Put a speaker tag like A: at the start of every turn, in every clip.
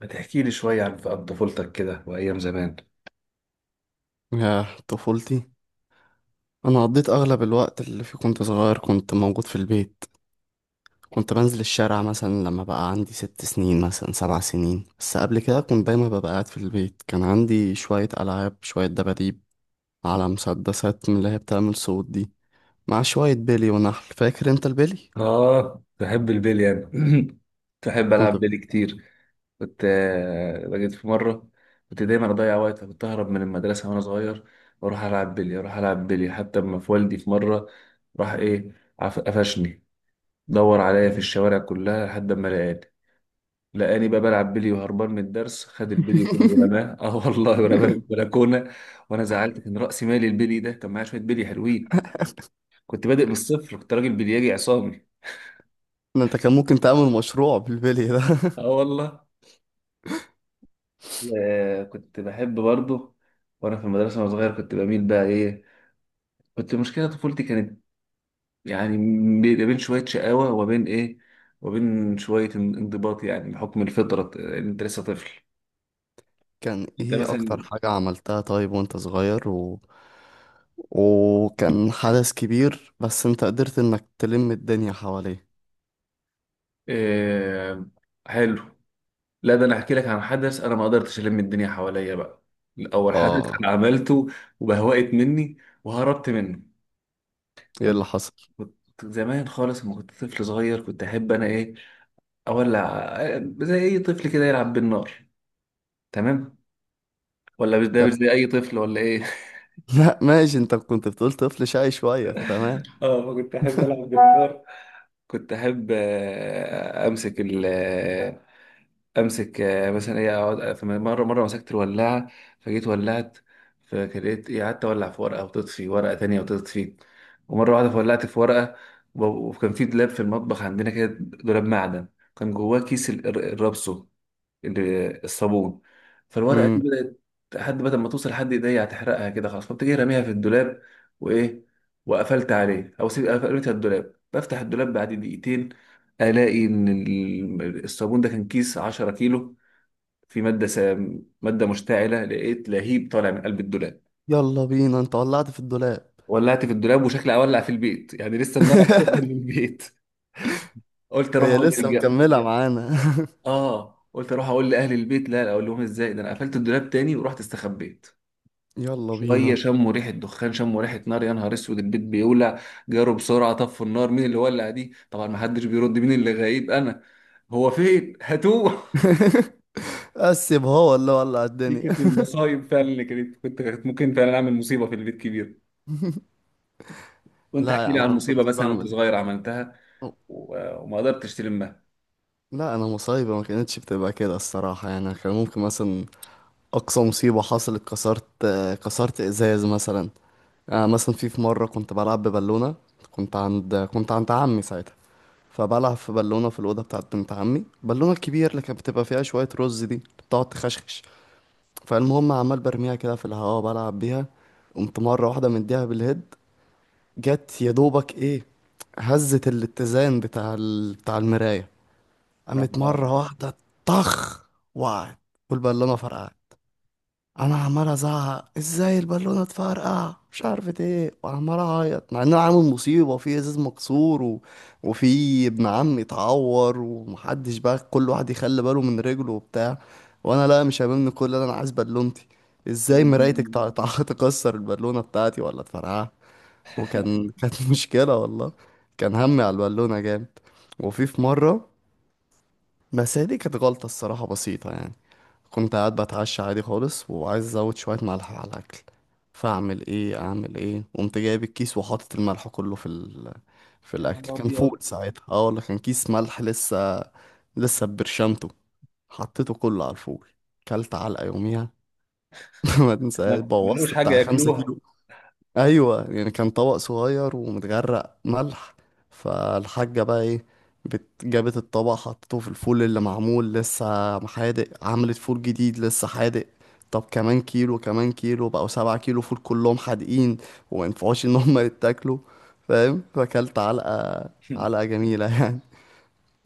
A: ما تحكي لي شوية عن طفولتك كده وأيام زمان.
B: يا طفولتي، انا قضيت اغلب الوقت اللي فيه كنت صغير، كنت موجود في البيت. كنت بنزل الشارع مثلا لما بقى عندي 6 سنين، مثلا 7 سنين، بس قبل كده كنت دايما ببقى قاعد في البيت. كان عندي شوية ألعاب، شوية دباديب، على مسدسات من اللي هي بتعمل صوت دي، مع شوية بيلي ونحل. فاكر انت البيلي؟
A: آه، بحب البلي أنا. تحب،
B: كنت
A: ألعب
B: ب...
A: بيلي كتير. كنت لقيت في مرة. كنت دايما أضيع وقت، كنت أهرب من المدرسة وأنا صغير وأروح ألعب بيلي، أروح ألعب بيلي حتى أما في والدي في مرة، راح إيه، قفشني. دور عليا في الشوارع كلها لحد ما لقاني بقى بلعب بيلي وهربان من الدرس. خد البيلي كله ورماه اه والله، ورماه في البلكونه. وانا زعلت، كان راسي مالي البيلي ده، كان معايا شويه بيلي حلوين. كنت بادئ من الصفر، كنت راجل بلياجي عصامي.
B: ده انت كان ممكن تعمل مشروع بالبيلي ده.
A: اه والله. كنت بحب برضه. وانا في المدرسه وانا صغير كنت بميل بقى ايه. مشكله طفولتي كانت، يعني، بين بين شويه شقاوه وبين ايه، وبين شويه انضباط، يعني بحكم الفطره، ان انت لسه طفل.
B: كان
A: انت
B: ايه اكتر
A: مثلا.
B: حاجة عملتها طيب وانت صغير وكان حدث كبير، بس انت قدرت انك تلم الدنيا حواليه؟
A: آه. حلو. لا، ده انا احكي لك عن حدث انا ما قدرتش الم الدنيا حواليا بقى. اول حدث انا
B: اه.
A: عملته وبهوقت مني، وهربت منه.
B: ايه اللي حصل؟
A: كنت زمان خالص لما كنت طفل صغير كنت احب انا ايه؟ اولع. زي اي طفل كده يلعب بالنار. تمام. ولا مش ده،
B: تم-
A: مش زي اي طفل ولا ايه؟
B: لا ماشي، انت كنت بتقول طفل شقي شوية، فتمام.
A: اه، فكنت احب العب بالنار. كنت احب امسك ال آه، امسك مثلا ايه، اقعد مره مره مسكت الولاعه، فجيت ولعت، فكريت ايه، قعدت اولع في ورقه وتطفي، ورقه تانية وتطفي، ومره واحده فولعت في ورقه. وكان في دولاب في المطبخ عندنا كده، دولاب معدن. كان جواه كيس الرابسو، الصابون. فالورقه دي
B: امم.
A: بدات لحد بدل ما توصل لحد ايديا هتحرقها، كده خلاص، فقمت جاي راميها في الدولاب وايه، وقفلت عليه او سيب، قفلتها الدولاب. بفتح الدولاب بعد دقيقتين الاقي ان الصابون ده كان كيس 10 كيلو، في ماده سام، ماده مشتعله. لقيت لهيب طالع من قلب الدولاب.
B: يلا بينا، انت ولعت في الدولاب؟
A: ولعت في الدولاب، وشكلي اولع في البيت يعني، لسه النار هتوصل للبيت. قلت اروح
B: هي
A: اقول
B: لسه مكملة معانا؟
A: اه، قلت اروح اقول لاهل البيت. لا لا، اقول لهم ازاي؟ ده انا قفلت الدولاب تاني ورحت استخبيت.
B: يلا
A: شويه
B: بينا.
A: شموا ريحه دخان، شموا ريحه نار، يا نهار اسود البيت بيولع. جاروا بسرعه طفوا النار. مين اللي ولع دي؟ طبعا ما حدش بيرد. مين اللي غايب؟ انا. هو فين؟ هاتوه.
B: قسم هو ولا ولع
A: دي
B: الدنيا.
A: كانت المصايب فعلا اللي كانت. كنت ممكن فعلا اعمل مصيبه في البيت كبير. وانت
B: لا يا
A: احكي لي
B: عم،
A: عن
B: انا ما
A: مصيبه
B: كنتش
A: مثلا وانت
B: بعمل.
A: صغير عملتها وما قدرتش تلمها.
B: لا، انا مصايبه ما كانتش بتبقى كده الصراحه، يعني كان ممكن مثلا اقصى مصيبه حصلت كسرت ازاز مثلا. مثلا في مره كنت بلعب ببالونه. كنت عند عمي ساعتها، فبلعب في بالونه في الاوضه بتاعت بنت عمي، بالونه الكبير اللي كانت بتبقى فيها شويه رز دي اللي بتقعد تخشخش. فالمهم، عمال برميها كده في الهواء بلعب بيها. قمت مره واحده مديها بالهيد. جت يا دوبك ايه، هزت الاتزان بتاع المرايه. قامت
A: آه.
B: مره واحده، طخ، وقعت، والبالونه فرقعت. انا عمال ازعق ازاي البالونه اتفرقع مش عارف ايه، وعمال اعيط، مع ان انا عامل مصيبه في ازاز مكسور وفي ابن عمي اتعور، ومحدش بقى كل واحد يخلي باله من رجله وبتاع. وانا لا، مش هاممني كل ده، انا عايز بالونتي. ازاي مرايتك تكسر البالونه بتاعتي ولا تفرقعها؟ كانت مشكله والله. كان همي على البالونه جامد. وفي مره، بس هي دي كانت غلطه الصراحه بسيطه يعني. كنت قاعد بتعشى عادي خالص وعايز ازود شويه ملح على الاكل. فاعمل ايه، اعمل ايه، قمت جايب الكيس وحاطط الملح كله في
A: يا
B: الاكل.
A: نهار
B: كان فول
A: ابيض.
B: ساعتها، اه ولا كان كيس ملح لسه، لسه برشامته، حطيته كله على الفول. كلت علقه يوميها. ما تنساش
A: ما لقوش
B: بوظت
A: حاجه
B: بتاع خمسة
A: ياكلوها.
B: كيلو ايوه يعني، كان طبق صغير ومتغرق ملح. فالحاجه بقى ايه، جابت الطبق حطته في الفول اللي معمول لسه حادق، عملت فول جديد لسه حادق. طب، كمان كيلو، كمان كيلو، بقوا 7 كيلو فول كلهم حادقين، وما ينفعوش ان هم يتاكلوا. فاهم. فاكلت علقه، علقه جميله يعني.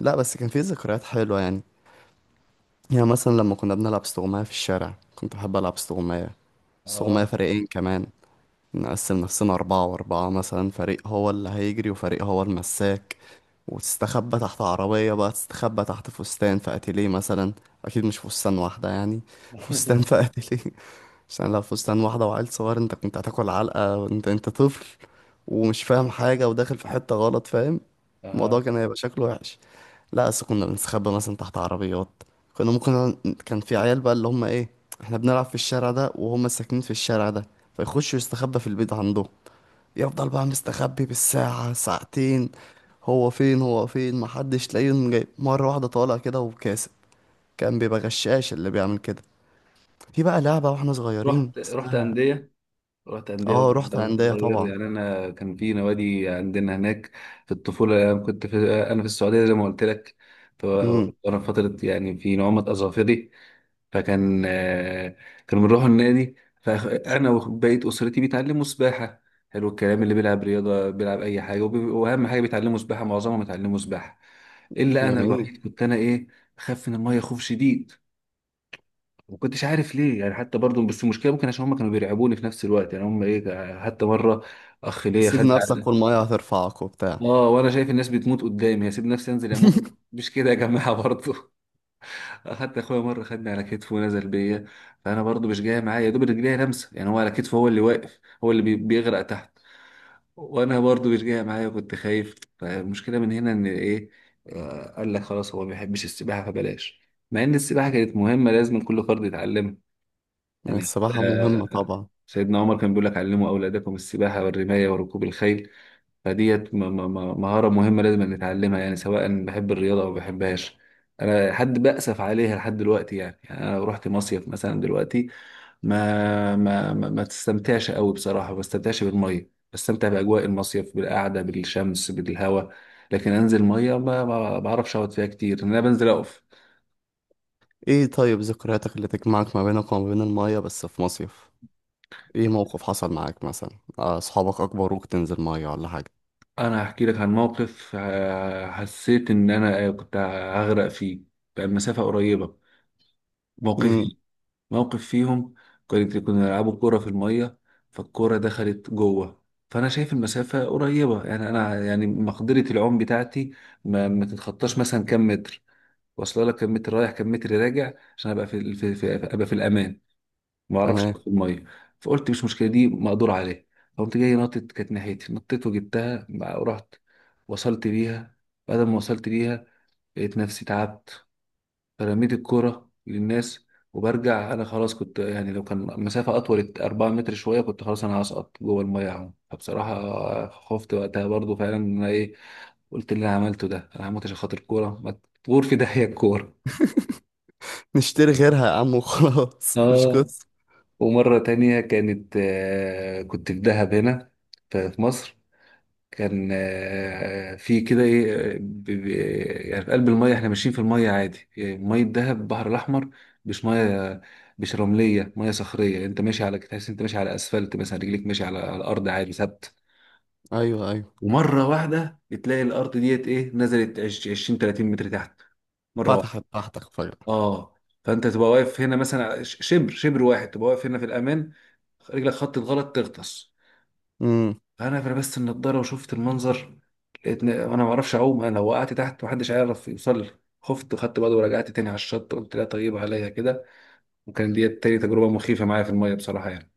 B: لا بس كان في ذكريات حلوه يعني. يعني مثلا لما كنا بنلعب استغماية في الشارع، كنت بحب العب استغماية. استغماية
A: اه
B: فريقين كمان. نقسم نفسنا أربعة وأربعة مثلا، فريق هو اللي هيجري وفريق هو المساك. وتستخبى تحت عربية، بقى تستخبى تحت فستان في أتيليه مثلا. أكيد مش فستان واحدة يعني، فستان في أتيليه. عشان لو فستان واحدة وعيل صغير، أنت كنت هتاكل علقة. أنت طفل ومش فاهم حاجة وداخل في حتة غلط، فاهم؟ الموضوع
A: اه،
B: كان هيبقى شكله وحش. لا، أصل كنا بنستخبى مثلا تحت عربيات. كنا ممكن، كان في عيال بقى اللي هم إيه، إحنا بنلعب في الشارع ده وهم ساكنين في الشارع ده، فيخشوا يستخبى في البيت عندهم. يفضل بقى مستخبي بالساعة ساعتين. هو فين هو فين، محدش تلاقيه، يوم جاي مرة واحدة طالع كده وكاسب. كان بيبقى غشاش اللي بيعمل كده. في بقى لعبة واحنا صغيرين
A: رحت
B: اسمها...
A: انديه. رحت أندية،
B: اه،
A: وأنت
B: رحت
A: وأنت
B: هندية
A: صغير؟
B: طبعا.
A: يعني أنا كان في نوادي عندنا هناك. في الطفولة أنا كنت في، أنا في السعودية زي ما قلت لك.
B: امم.
A: وأنا في فترة يعني في نعومة أظافري، فكان كانوا بنروحوا النادي. فأنا وبقية أسرتي بيتعلموا سباحة. حلو الكلام، اللي بيلعب رياضة بيلعب أي حاجة، وأهم حاجة بيتعلموا سباحة، معظمهم بيتعلموا سباحة، إلا أنا
B: جميل.
A: الوحيد، كنت أنا إيه؟ بخاف من المية خوف شديد. ما كنتش عارف ليه يعني، حتى برضو، بس المشكله ممكن عشان هم كانوا بيرعبوني في نفس الوقت، يعني هم ايه، حتى مره اخ ليا
B: سيب
A: خد على،
B: نفسك والمية هترفعك وبتاع.
A: اه وانا شايف الناس بتموت قدامي هسيب نفسي انزل اموت؟ مش كده يا جماعه برضو. حتى اخويا مره خدني على كتفه ونزل بيا، فانا برضو مش جاي معايا، يا دوب رجليا لمسه يعني، هو على كتفه هو اللي واقف، هو اللي بيغرق تحت، وانا برضو مش جاي معايا، كنت خايف. فالمشكله من هنا ان ايه؟ قال لك خلاص هو ما بيحبش السباحه فبلاش. مع ان السباحه كانت مهمه، لازم كل فرد يتعلمها يعني.
B: السباحة
A: آه.
B: مهمة طبعا.
A: سيدنا عمر كان بيقول لك علموا أولادكم السباحة والرماية وركوب الخيل. فديت مهارة مهمة لازم نتعلمها يعني، سواء بحب الرياضة أو ما بحبهاش. أنا حد بأسف عليها لحد دلوقتي، يعني أنا لو رحت مصيف مثلا دلوقتي ما تستمتعش قوي بصراحة، ما بستمتعش بالمية، بستمتع بأجواء المصيف، بالقعدة، بالشمس، بالهواء. لكن أنزل مية ما بعرفش أقعد فيها كتير، إن أنا بنزل أقف.
B: ايه، طيب ذكرياتك اللي تجمعك ما بينك وما بين المية بس في مصيف؟ ايه موقف حصل معاك مثلا؟ اصحابك اكبروك تنزل مية ولا حاجة؟
A: أنا هحكي لك عن موقف حسيت إن أنا كنت هغرق فيه. كان مسافة قريبة.
B: امم.
A: موقفي، موقف فيهم، كنا بنلعبوا كورة في المية. فالكورة دخلت جوه، فأنا شايف المسافة قريبة يعني، أنا يعني مقدرة العوم بتاعتي ما تتخطاش مثلا كام متر، واصلة لك كام متر رايح، كام متر راجع، عشان أبقى في, في, في أبقى في الأمان. ما أعرفش أبقى
B: تمام.
A: في المية. فقلت مش مشكلة، دي مقدور عليها. فقمت جاي نطت، كانت ناحيتي، نطيت وجبتها ورحت وصلت بيها. بعد ما وصلت بيها لقيت نفسي تعبت، فرميت الكرة للناس، وبرجع انا خلاص، كنت يعني لو كان مسافة اطول 4 متر شوية كنت خلاص انا هسقط جوه المية اهو. فبصراحة خفت وقتها برضو فعلا ان انا ايه. قلت اللي انا عملته ده، انا هموت عشان خاطر الكورة؟ ما تغور في داهية الكورة.
B: نشتري غيرها يا عم وخلاص، مش
A: اه.
B: قصة.
A: ومرة تانية كانت آه كنت في دهب هنا، في مصر. كان في كده ايه يعني في قلب الميه، احنا ماشيين في الميه عادي يعني، ميه دهب البحر الاحمر، مش ميه، مش رمليه، ميه صخريه، انت ماشي على، تحس انت ماشي على اسفلت مثلا، رجليك ماشي على الارض عادي ثابت.
B: ايوه، ايوه.
A: ومره واحده بتلاقي الارض ديت ايه، نزلت 20 30 متر تحت، مره واحده.
B: فتحت تحتك فجأة؟
A: اه، فانت تبقى واقف هنا مثلا شبر واحد تبقى واقف هنا في الامان، رجلك خطت غلط تغطس.
B: امم.
A: انا لبست النضاره وشفت المنظر، لقيت انا ما اعرفش اعوم، انا لو وقعت تحت محدش هيعرف يوصل لي. خفت خدت بعض ورجعت تاني على الشط، قلت لا طيب عليا كده. وكان دي تاني تجربه مخيفه معايا في الميه بصراحه يعني.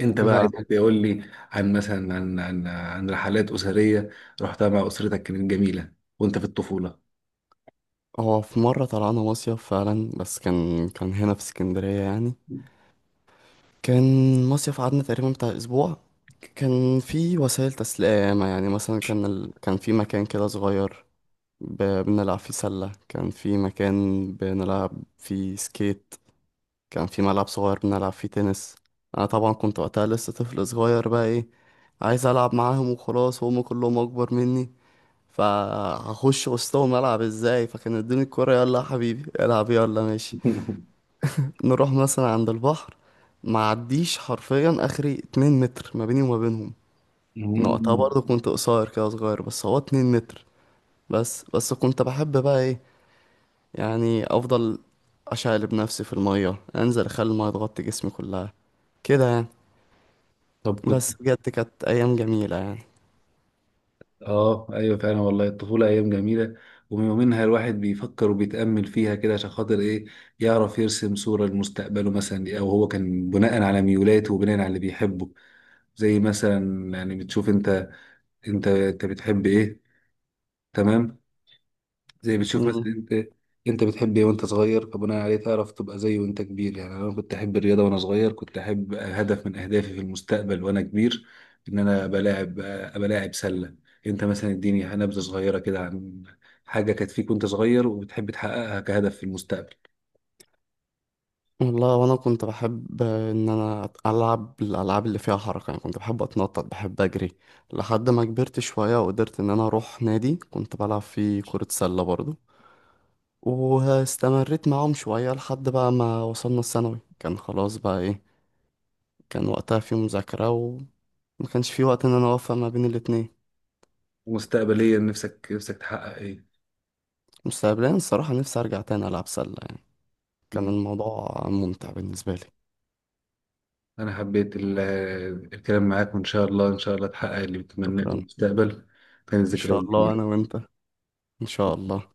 A: انت بقى
B: لا،
A: عايز تقول لي عن مثلا عن رحلات اسريه رحتها مع اسرتك كانت جميله وانت في الطفوله.
B: هو في مرة طلعنا مصيف فعلا، بس كان هنا في اسكندرية يعني. كان مصيف قعدنا تقريبا بتاع اسبوع. كان في وسائل تسلية ياما، يعني مثلا كان في مكان كده صغير بنلعب فيه سلة، كان في مكان بنلعب فيه سكيت، كان في ملعب صغير بنلعب فيه تنس. انا طبعا كنت وقتها لسه طفل صغير، بقى ايه، عايز العب معاهم وخلاص، وهم كلهم اكبر مني. فهخش وسطهم العب ازاي، فكان ادوني الكرة، يلا يا حبيبي العب، يلا ماشي. نروح مثلا عند البحر، معديش حرفيا اخري 2 متر ما بيني وما بينهم. أنا وقتها
A: مم.
B: برضه كنت قصير كده صغير، بس هو 2 متر. بس كنت بحب بقى ايه، يعني افضل اشقلب نفسي في المية، انزل اخلي المية تغطي جسمي كلها كده يعني.
A: طب كنت.
B: بس بجد كانت أيام جميلة يعني.
A: اه ايوه، فعلا والله، الطفوله ايام جميله، ومنها الواحد بيفكر وبيتامل فيها كده عشان خاطر ايه؟ يعرف يرسم صوره لمستقبله مثلا، او هو كان بناء على ميولاته وبناء على اللي بيحبه، زي مثلا يعني بتشوف انت، انت بتحب ايه. تمام. زي بتشوف مثلا
B: مم.
A: انت، انت بتحب ايه وانت صغير، فبناء عليه تعرف تبقى زيه وانت كبير يعني. انا كنت احب الرياضه وانا صغير، كنت احب هدف من اهدافي في المستقبل وانا كبير ان انا ابقى لاعب سله. انت مثلا اديني نبذه صغيره كده عن حاجه كانت فيك وانت صغير وبتحب تحققها كهدف في المستقبل.
B: والله وأنا كنت بحب إن أنا ألعب الألعاب اللي فيها حركة، يعني كنت بحب أتنطط، بحب أجري. لحد ما كبرت شوية وقدرت إن أنا أروح نادي، كنت بلعب فيه كرة سلة برضه. واستمريت معاهم شوية لحد بقى ما وصلنا الثانوي، كان خلاص بقى إيه، كان وقتها في مذاكرة وما كانش في وقت إن أنا أوفق ما بين الاتنين.
A: ومستقبليا نفسك تحقق ايه؟
B: مستقبليا الصراحة نفسي أرجع تاني ألعب سلة يعني، كان
A: مم.
B: الموضوع ممتع بالنسبة لي.
A: انا حبيت الكلام معاك، وان شاء الله ان شاء الله تحقق اللي بتتمناه في
B: شكرا.
A: المستقبل. كانت
B: إن
A: ذكريات
B: شاء الله أنا
A: جميله.
B: وأنت. ان شاء الله.